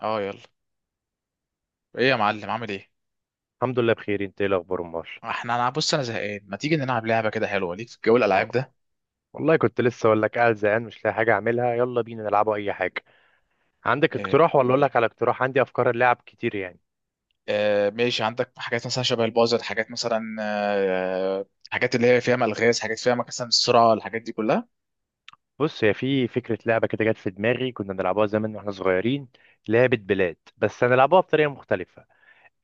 اه، يلا. ايه يا معلم، عامل ايه؟ الحمد لله، بخير. انت ايه الاخبار؟ امال انا، بص، انا زهقان، ما تيجي نلعب لعبه كده حلوه ليك في جو و- الالعاب ده؟ والله كنت لسه اقول لك، قاعد زهقان مش لاقي حاجه اعملها. يلا بينا نلعبوا اي حاجه. عندك إيه. اقتراح ولا اقول لك على اقتراح؟ عندي افكار اللعب كتير يعني. آه، ماشي. عندك حاجات مثلا شبه البازر، حاجات مثلا حاجات اللي هي فيها الغاز، حاجات فيها مثلا السرعه، الحاجات دي كلها. بص، هي في فكره لعبه كده جت في دماغي، كنا بنلعبها زمان واحنا صغيرين، لعبه بلاد، بس هنلعبها بطريقه مختلفه.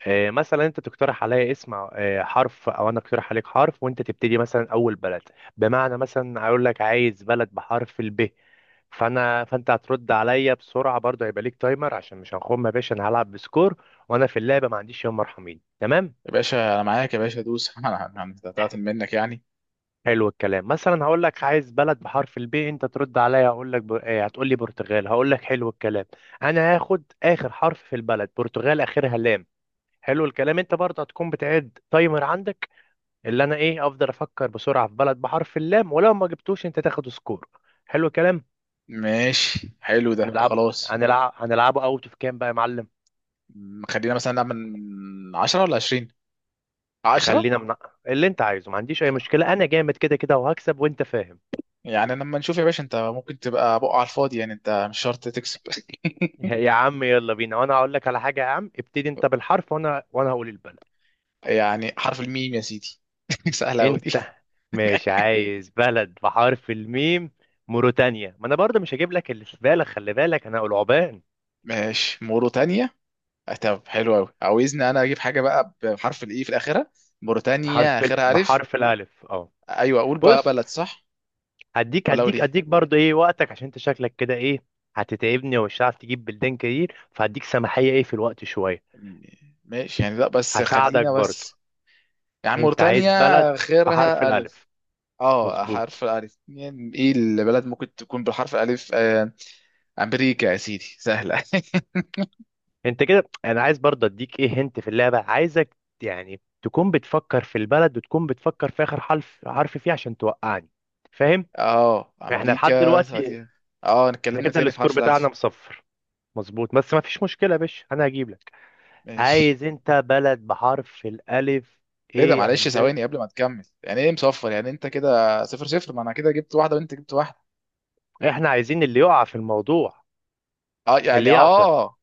مثلا انت تقترح عليا اسم حرف، او انا اقترح عليك حرف وانت تبتدي مثلا اول بلد. بمعنى مثلا اقول لك عايز بلد بحرف الب، فانا فانت هترد عليا بسرعه، برضه هيبقى ليك تايمر عشان مش هنخم يا باشا. انا هلعب بسكور، وانا في اللعبه ما عنديش يوم مرحمين، تمام؟ يا باشا انا معاك، يا باشا دوس. انا هتعطل منك يعني. حلو الكلام. مثلا هقول لك عايز بلد بحرف البي، انت ترد عليا هقول لك ب... هتقول لي برتغال، هقول لك حلو الكلام، انا هاخد اخر حرف في البلد برتغال، اخرها لام. حلو الكلام. انت برضه هتكون بتعد تايمر عندك، اللي انا ايه، افضل افكر بسرعه في بلد بحرف اللام، ولو ما جبتوش انت تاخد سكور. حلو الكلام. ماشي، حلو ده. هنلعبه خلاص. هنلعب هنلعبه اوت اوف كام بقى يا معلم؟ خلينا مثلا نعمل من 10 ولا 20. 10. خلينا من اللي انت عايزه، ما عنديش اي مشكله، انا جامد كده كده وهكسب وانت فاهم. يعني لما نشوف يا باشا، انت ممكن تبقى بقى على الفاضي، يعني انت مش شرط تكسب. يا عم يلا بينا، وانا هقول لك على حاجه. يا عم ابتدي انت بالحرف وانا هقول البلد. يعني حرف الميم يا سيدي، سهلة أوي انت دي. مش عايز بلد بحرف الميم؟ موريتانيا. ما انا برضه مش هجيب لك اللي في بالك، خلي بالك انا هقول عوبان. ماشي، موريتانيا. طب حلو أوي، عاوزني أنا أجيب حاجة بقى بحرف الإي في الآخرة؟ موريتانيا آخرها ألف. بحرف الالف، اه. أيوه، أقول بقى بص، بلد صح هديك ولا أقول هديك إيه؟ هديك برضه ايه وقتك عشان انت شكلك كده ايه، هتتعبني ومش هتعرف تجيب بلدان كتير، فهديك سماحية ايه في الوقت شوية. م- ماشي يعني، لا بس هساعدك خلينا برضه. بس. يعني انت موريتانيا عايز بلد بحرف آخرها ألف. الالف. أه، مظبوط. حرف الألف. يعني إيه البلد ممكن تكون بالحرف الألف؟ أمريكا يا سيدي، سهلة. انت كده انا عايز برضه اديك ايه، هنت في اللعبة عايزك يعني تكون بتفكر في البلد، وتكون بتفكر في اخر حرف فيه عشان توقعني، فاهم؟ أه، احنا لحد أمريكا. دلوقتي اه، احنا اتكلمنا كده تاني في السكور حرف بتاعنا الألف. مصفر. مظبوط، بس ما فيش مشكلة يا باشا انا هجيب لك. ماشي. عايز انت بلد بحرف الالف. ايه ده؟ ايه يا معلش ثواني هندسة؟ قبل ما تكمل. يعني ايه مصفر؟ يعني انت كده صفر صفر، ما انا كده جبت واحده وانت جبت واحده. احنا عايزين اللي يقع في الموضوع، اه اللي يعني يعطل، اه،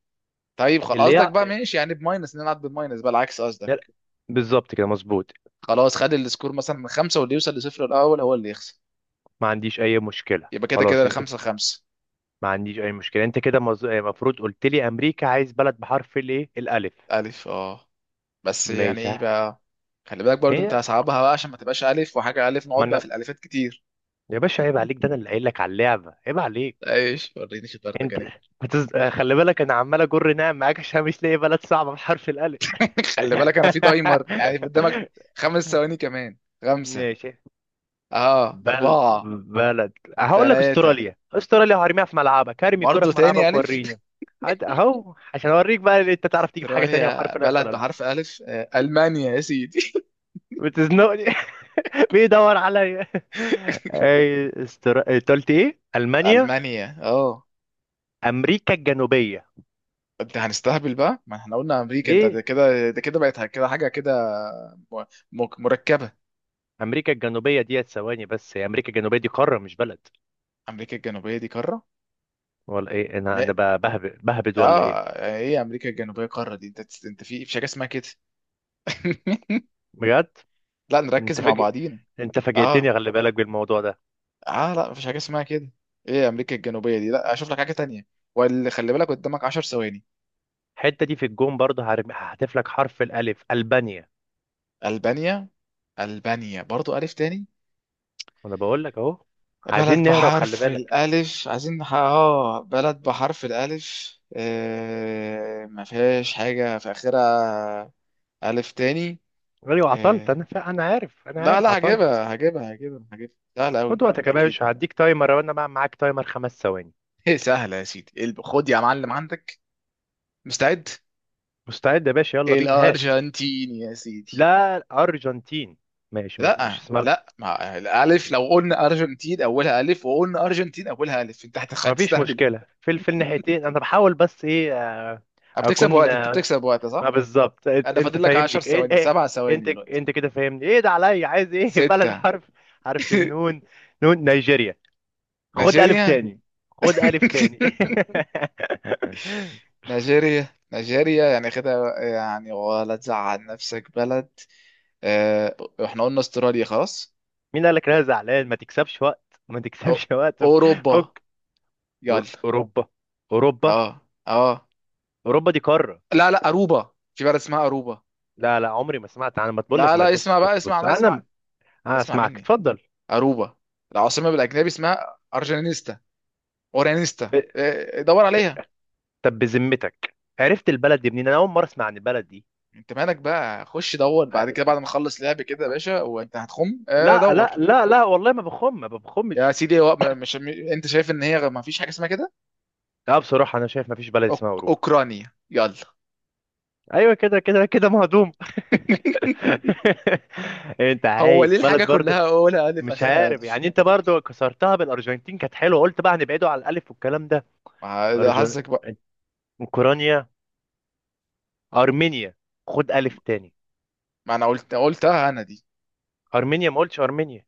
طيب خلاص. اللي قصدك يع... بقى ماشي، يعني بماينس نلعب، بماينس بقى، العكس قصدك. بالظبط كده، مظبوط. خلاص، خد السكور مثلا من خمسه واللي يوصل لصفر الاول هو اللي يخسر. ما عنديش اي مشكله، يبقى كده خلاص. كده انت خمسه خمسه. ما عنديش اي مشكله. انت كده المفروض قلت لي امريكا. عايز بلد بحرف الايه الالف. الف، اه. بس يعني ماشي، ايه ها. بقى؟ خلي بالك برضو انت، هي هصعبها بقى عشان ما تبقاش الف وحاجه الف، ما نقعد بقى في انا، الالفات كتير. يا باشا عيب عليك، ده انا اللي قايل لك على اللعبه، عيب عليك. ايش، وريني شطارتك انت يعني. خلي بالك، انا عمال اجر نعم معاك عشان مش لاقي بلد صعبه بحرف الالف. خلي بالك انا في تايمر يعني قدامك. خمس ثواني كمان. خمسه، ماشي. اه، بل اربعه، بلد، هقول لك ثلاثة. استراليا. استراليا، هرميها في ملعبك، هرمي الكرة برضه في تاني ملعبك ألف. وريني. هات اهو عشان اوريك بقى إن انت تعرف تجيب حاجة تانية إيطاليا وحرف الف بلد ولا لا. بحرف ألف. ألمانيا يا سيدي. بتزنقني. بيدور عليا. أنت قلت ايه، المانيا؟ ألمانيا، اه. امريكا الجنوبية. انت هنستهبل بقى، ما احنا قلنا أمريكا، انت ده ليه؟ كده ده كده بقت كده حاجة كده. م- مركبة. امريكا الجنوبية، ديت ثواني بس، هي امريكا الجنوبية دي قارة مش بلد، أمريكا الجنوبية دي قارة؟ ولا ايه؟ انا انا ما- ب- بهبد بهبد ولا اه، ايه؟ ايه أمريكا الجنوبية قارة دي؟ انت، انت في مفيش حاجة اسمها كده. بجد. لا، نركز انت مع فاجئ، بعضينا. انت فاجئتني، اه، خلي بالك بالموضوع ده. اه، لا، مفيش حاجة اسمها كده. ايه أمريكا الجنوبية دي؟ لا، أشوف لك حاجة تانية. واللي خلي بالك قدامك 10 ثواني. الحته دي في الجون، برضه هحذف لك حرف الالف. البانيا. ألبانيا. ألبانيا برضو ألف تاني. انا بقول لك اهو. بلد عايزين نهرب، خلي بحرف بالك. الألف. عايزين نح... اه بلد بحرف الألف. ما فيهاش حاجة في آخرها. ألف تاني. ايوه عطلت. آه... انا عارف انا لا عارف لا، عطلت. هجيبها، هجيبها، هجيبها، هجيبها، سهلة أوي خد وقتك يا يعني أكيد. باشا، هديك تايمر، وانا بقى معاك تايمر خمس ثواني. إيه سهلة يا سيدي. إيه خد يا معلم عندك. مستعد. مستعد يا باشا، يلا بينا، هات. الأرجنتين يا سيدي. لا، الارجنتين. ماشي، مش لا اسمها. لا، مع الألف. لو قلنا أرجنتين أولها ألف، وقلنا أرجنتين أولها ألف، أنت ما فيش هتستهبل. مشكلة في في الناحيتين، انا بحاول بس ايه، بتكسب اكون وقت، أنت بتكسب وقت، ما صح؟ بالظبط، أنا انت فاضل لك فاهمني 10 ايه ثواني، ايه. 7 ثواني انت دلوقتي. انت كده فاهمني ايه، ده عليا عايز ايه. بلد ستة. حرف، حرف النون. نون، نيجيريا. خد ألف نيجيريا. تاني، خد ألف تاني. نيجيريا، نيجيريا يعني كده يعني ولا تزعل نفسك؟ بلد آه، احنا قلنا استراليا خلاص. مين قال لك انا زعلان؟ ما تكسبش وقت، ما أو- تكسبش وقت. اوروبا. فك. يلا. أوروبا. أوروبا، اه، اه، أوروبا دي قارة. لا لا، اروبا، في بلد اسمها اروبا. لا لا، عمري ما سمعت أنا. ما تقول لك لا ما لا، تبص، اسمع بقى، بص اسمع، بص ما اسمع. أنا. أنا اسمع أسمعك، مني. اتفضل. اروبا، العاصمه بالاجنبي اسمها ارجانيستا، اورانيستا، ب- دور عليها. ت- طب بذمتك، عرفت البلد دي منين؟ أنا أول مرة أسمع عن البلد دي. انت مالك بقى؟ خش دور ع- بعد كده، بعد ما اخلص لعب كده يا باشا وانت هتخم. لا لا دور. لا لا، والله ما بخم، ما يا بخمش. سيدي، هو مش انت شايف ان هي ما فيش حاجه اسمها كده. لا، بصراحة أنا شايف ما فيش بلد اسمها أوروبا. اوكرانيا يلا. ايوه كده كده كده، مهضوم. انت هو عايز ليه بلد الحاجه برضه؟ كلها اولها الف مش اخرها عارف الف؟ يعني، انت برضه كسرتها بالارجنتين كانت حلوه، قلت بقى هنبعده على الالف والكلام ده. ما ده أرجن... حظك بقى. اوكرانيا. ارمينيا. خد الف تاني. ما انا قلتها انا دي. ارمينيا، ما قلتش ارمينيا.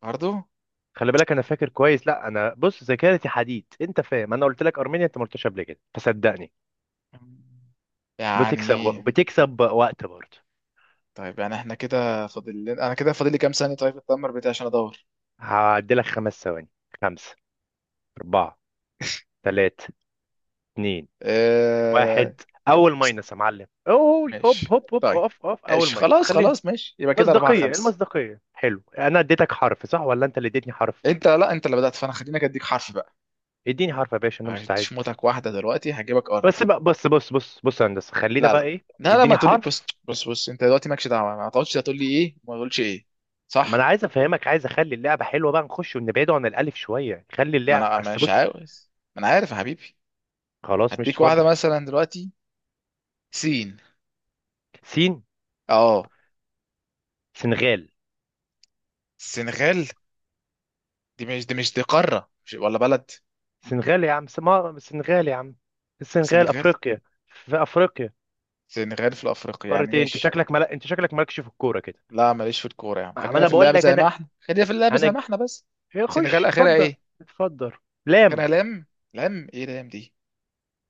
برضو خلي بالك انا فاكر كويس، لا انا بص، ذاكرتي حديد، انت فاهم، انا قلت لك ارمينيا، انت ما قلتش قبل كده، فصدقني. بتكسب يعني. بتكسب وقت برضه. طيب يعني احنا كده انا كده فاضل لي كام ثانيه؟ طيب التمر بتاعي عشان ادور. هعدي لك خمس ثواني. خمسه، اربعه، ثلاثه، اتنين، اه... واحد. اول است- ماينس يا معلم، اوه، هوب ماشي. هوب هوب، طيب، اوف اوف، اول ماشي، ماينس، خلاص، خليها. خلاص، ماشي. يبقى كده أربعة مصداقية، خمسة. المصداقية، حلو. انا اديتك حرف صح، ولا انت اللي اديتني حرف؟ أنت، لا أنت اللي بدأت، فأنا خليني أديك حرف بقى. اديني حرف يا باشا، انا مستعد. هديش موتك واحدة دلوقتي، هجيبك أرض. بس بقى، بص بص بص بص يا هندسة، خلينا لا بقى لا ايه، لا لا، ما اديني تقولي بص حرف. بص بص، انت دلوقتي مالكش دعوه، ما تقعدش تقول لي ايه وما تقولش ايه. ما صح. انا عايز افهمك، عايز اخلي اللعبة حلوة بقى، نخش ونبعده عن الالف شوية، خلي ما اللعب انا بس مش بص. عاوز. ما انا عارف يا حبيبي. خلاص، مش هديك واحده فاضل. مثلا دلوقتي. سين. سين. اه. سنغال. السنغال. دي مش، دي مش، دي قاره مش ولا بلد؟ سنغال يا عم، سما سنغال يا عم. السنغال سنغال افريقيا. في افريقيا. سنغال في افريقيا يعني. قارتين؟ انت ماشي. شكلك انت شكلك مالكش في الكورة كده. لا ماليش في الكوره يا عم، ما خلينا انا في بقول اللعب لك زي انا، ما احنا، خلينا في اللعب انا زي ما ج- احنا بس. سنغال خش، اخرها اتفضل. ايه؟ اتفضل. اخرها لام، لام. لام ايه؟ لام دي.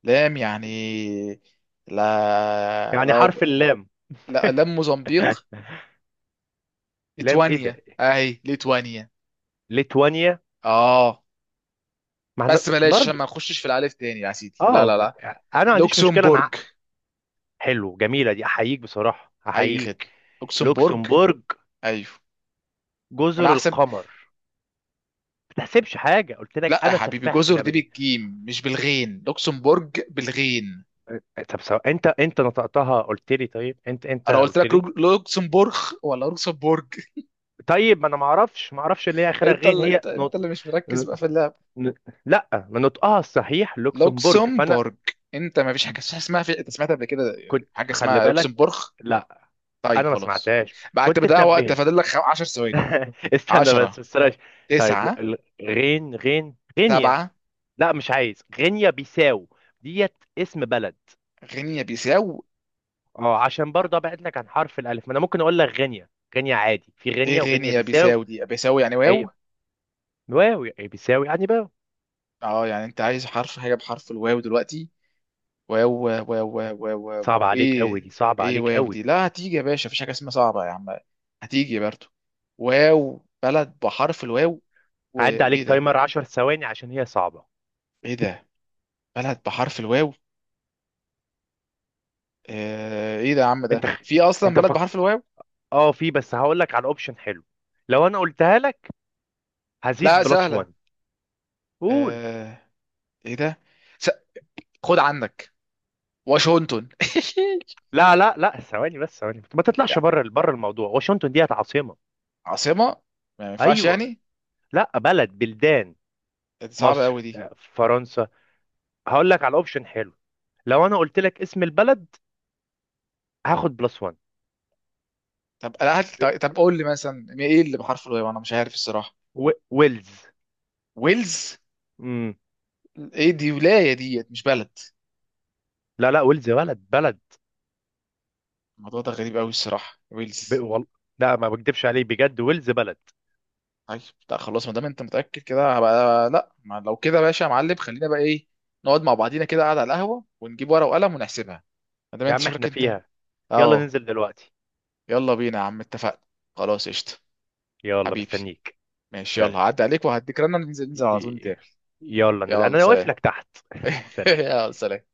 لام يعني لا يعني لا حرف اللام. لا. لام موزمبيق. لام ايه ليتوانيا، ده. اهي ليتوانيا. ليتوانيا. اه. ما احنا بس بلاش عشان برضو. ما نخشش في الالف تاني يا سيدي، لا اه لا ب- لا. انا ما عنديش مشكله، لوكسمبورج. حلو، جميله دي، احييك بصراحه، اي خدمه. احييك. لوكسمبورج. لوكسمبورج. ايوه. جزر انا احسب. القمر. ما تحسبش حاجه، قلت لك لا يا انا حبيبي، سفاح في جزر دي اللعبه دي. بالجيم مش بالغين، لوكسمبورج بالغين. طب سواء، انت نطقتها قلت لي، طيب انت انا قلت قلت لك لي. لوكسمبورغ ولا لوكسمبورج؟ طيب ما انا ما اعرفش، ما اعرفش اللي هي اخرها انت غين، اللي، هي انت اللي مش مركز بقى في اللعب. ن... لا، ما نطقها الصحيح لوكسمبورج، فانا لوكسمبورج. انت ما فيش حاجه اسمها انت سمعت قبل كده كنت حاجه خلي اسمها بالك. لوكسمبورغ؟ لا انا طيب ما خلاص. سمعتهاش، بقى انت كنت بتضيع وقت، تنبهني. فاضل لك 10 ثواني. استنى بس، 10، بس بلاش. طيب 9، غين غينيا. سبعة. لا، مش عايز، غينيا بيساو. ديت اسم بلد. غينيا بيساو. اه، عشان آه، برضه ابعد لك عن حرف الالف، ما انا ممكن اقول لك غينيا. غينيا عادي، في ايه غينيا وغينيا غينيا بيساو. بيساو دي؟ بيساو يعني هي واو. واو يعني، بيساو يعني باو. اه، يعني انت عايز حرف، حاجة بحرف الواو دلوقتي. واو، واو، واو. واو، واو. صعب عليك قوي ايه؟ دي، صعب ايه عليك واو قوي. دي؟ لا هتيجي يا باشا، مفيش حاجة اسمها صعبة يا عم، هتيجي برضو. واو، بلد بحرف الواو. هعدي وايه عليك ده؟ تايمر 10 ثواني عشان هي صعبة. ايه ده؟ بلد بحرف الواو. ايه ده يا عم؟ انت ده في اصلا انت بلد فك. بحرف الواو؟ اه في، بس هقول لك على اوبشن حلو، لو انا قلتها لك لا هزيد بلس سهلة. +1. قول. آه، ايه ده؟ س... خد عندك، واشنطن. لا لا لا، ثواني بس، ثواني، ما تطلعش بره بره الموضوع. واشنطن ديت عاصمة. عاصمة؟ ما ينفعش ايوه. يعني. لا، بلد، بلدان. دي صعبة قوي مصر، دي. فرنسا. هقول لك على اوبشن حلو، لو انا قلت لك اسم البلد هاخد بلس +1. طب لا هات، طب قول لي مثلا ايه اللي بحرف الواو، انا مش عارف الصراحة. ويلز. ويلز. امم. ايه دي ولاية ديت مش بلد. لا لا، ويلز بلد، بلد. الموضوع ده غريب قوي الصراحة، ب... ويلز. وال... لا، ما بكدبش عليك بجد، ويلز بلد. طيب، لا خلاص ما دام انت متأكد كده، هبقى لا، ما لو كده يا باشا يا معلم، خلينا بقى ايه، نقعد مع بعضينا كده قاعد على القهوة، ونجيب ورقة وقلم ونحسبها. ما دام يا انت عم شكلك احنا انت. فيها، يلا اهو. ننزل دلوقتي. يلا بينا يا عم، اتفقنا. خلاص، قشطة. يلا حبيبي. مستنيك. ماشي سلام. يلا، هعدي عليك وهديك رنة، ننزل ي- ننزل على طول، ي- نتقابل. يلا نزل، يلا، انا واقف سلام. لك تحت. سلام. يلا، سلام.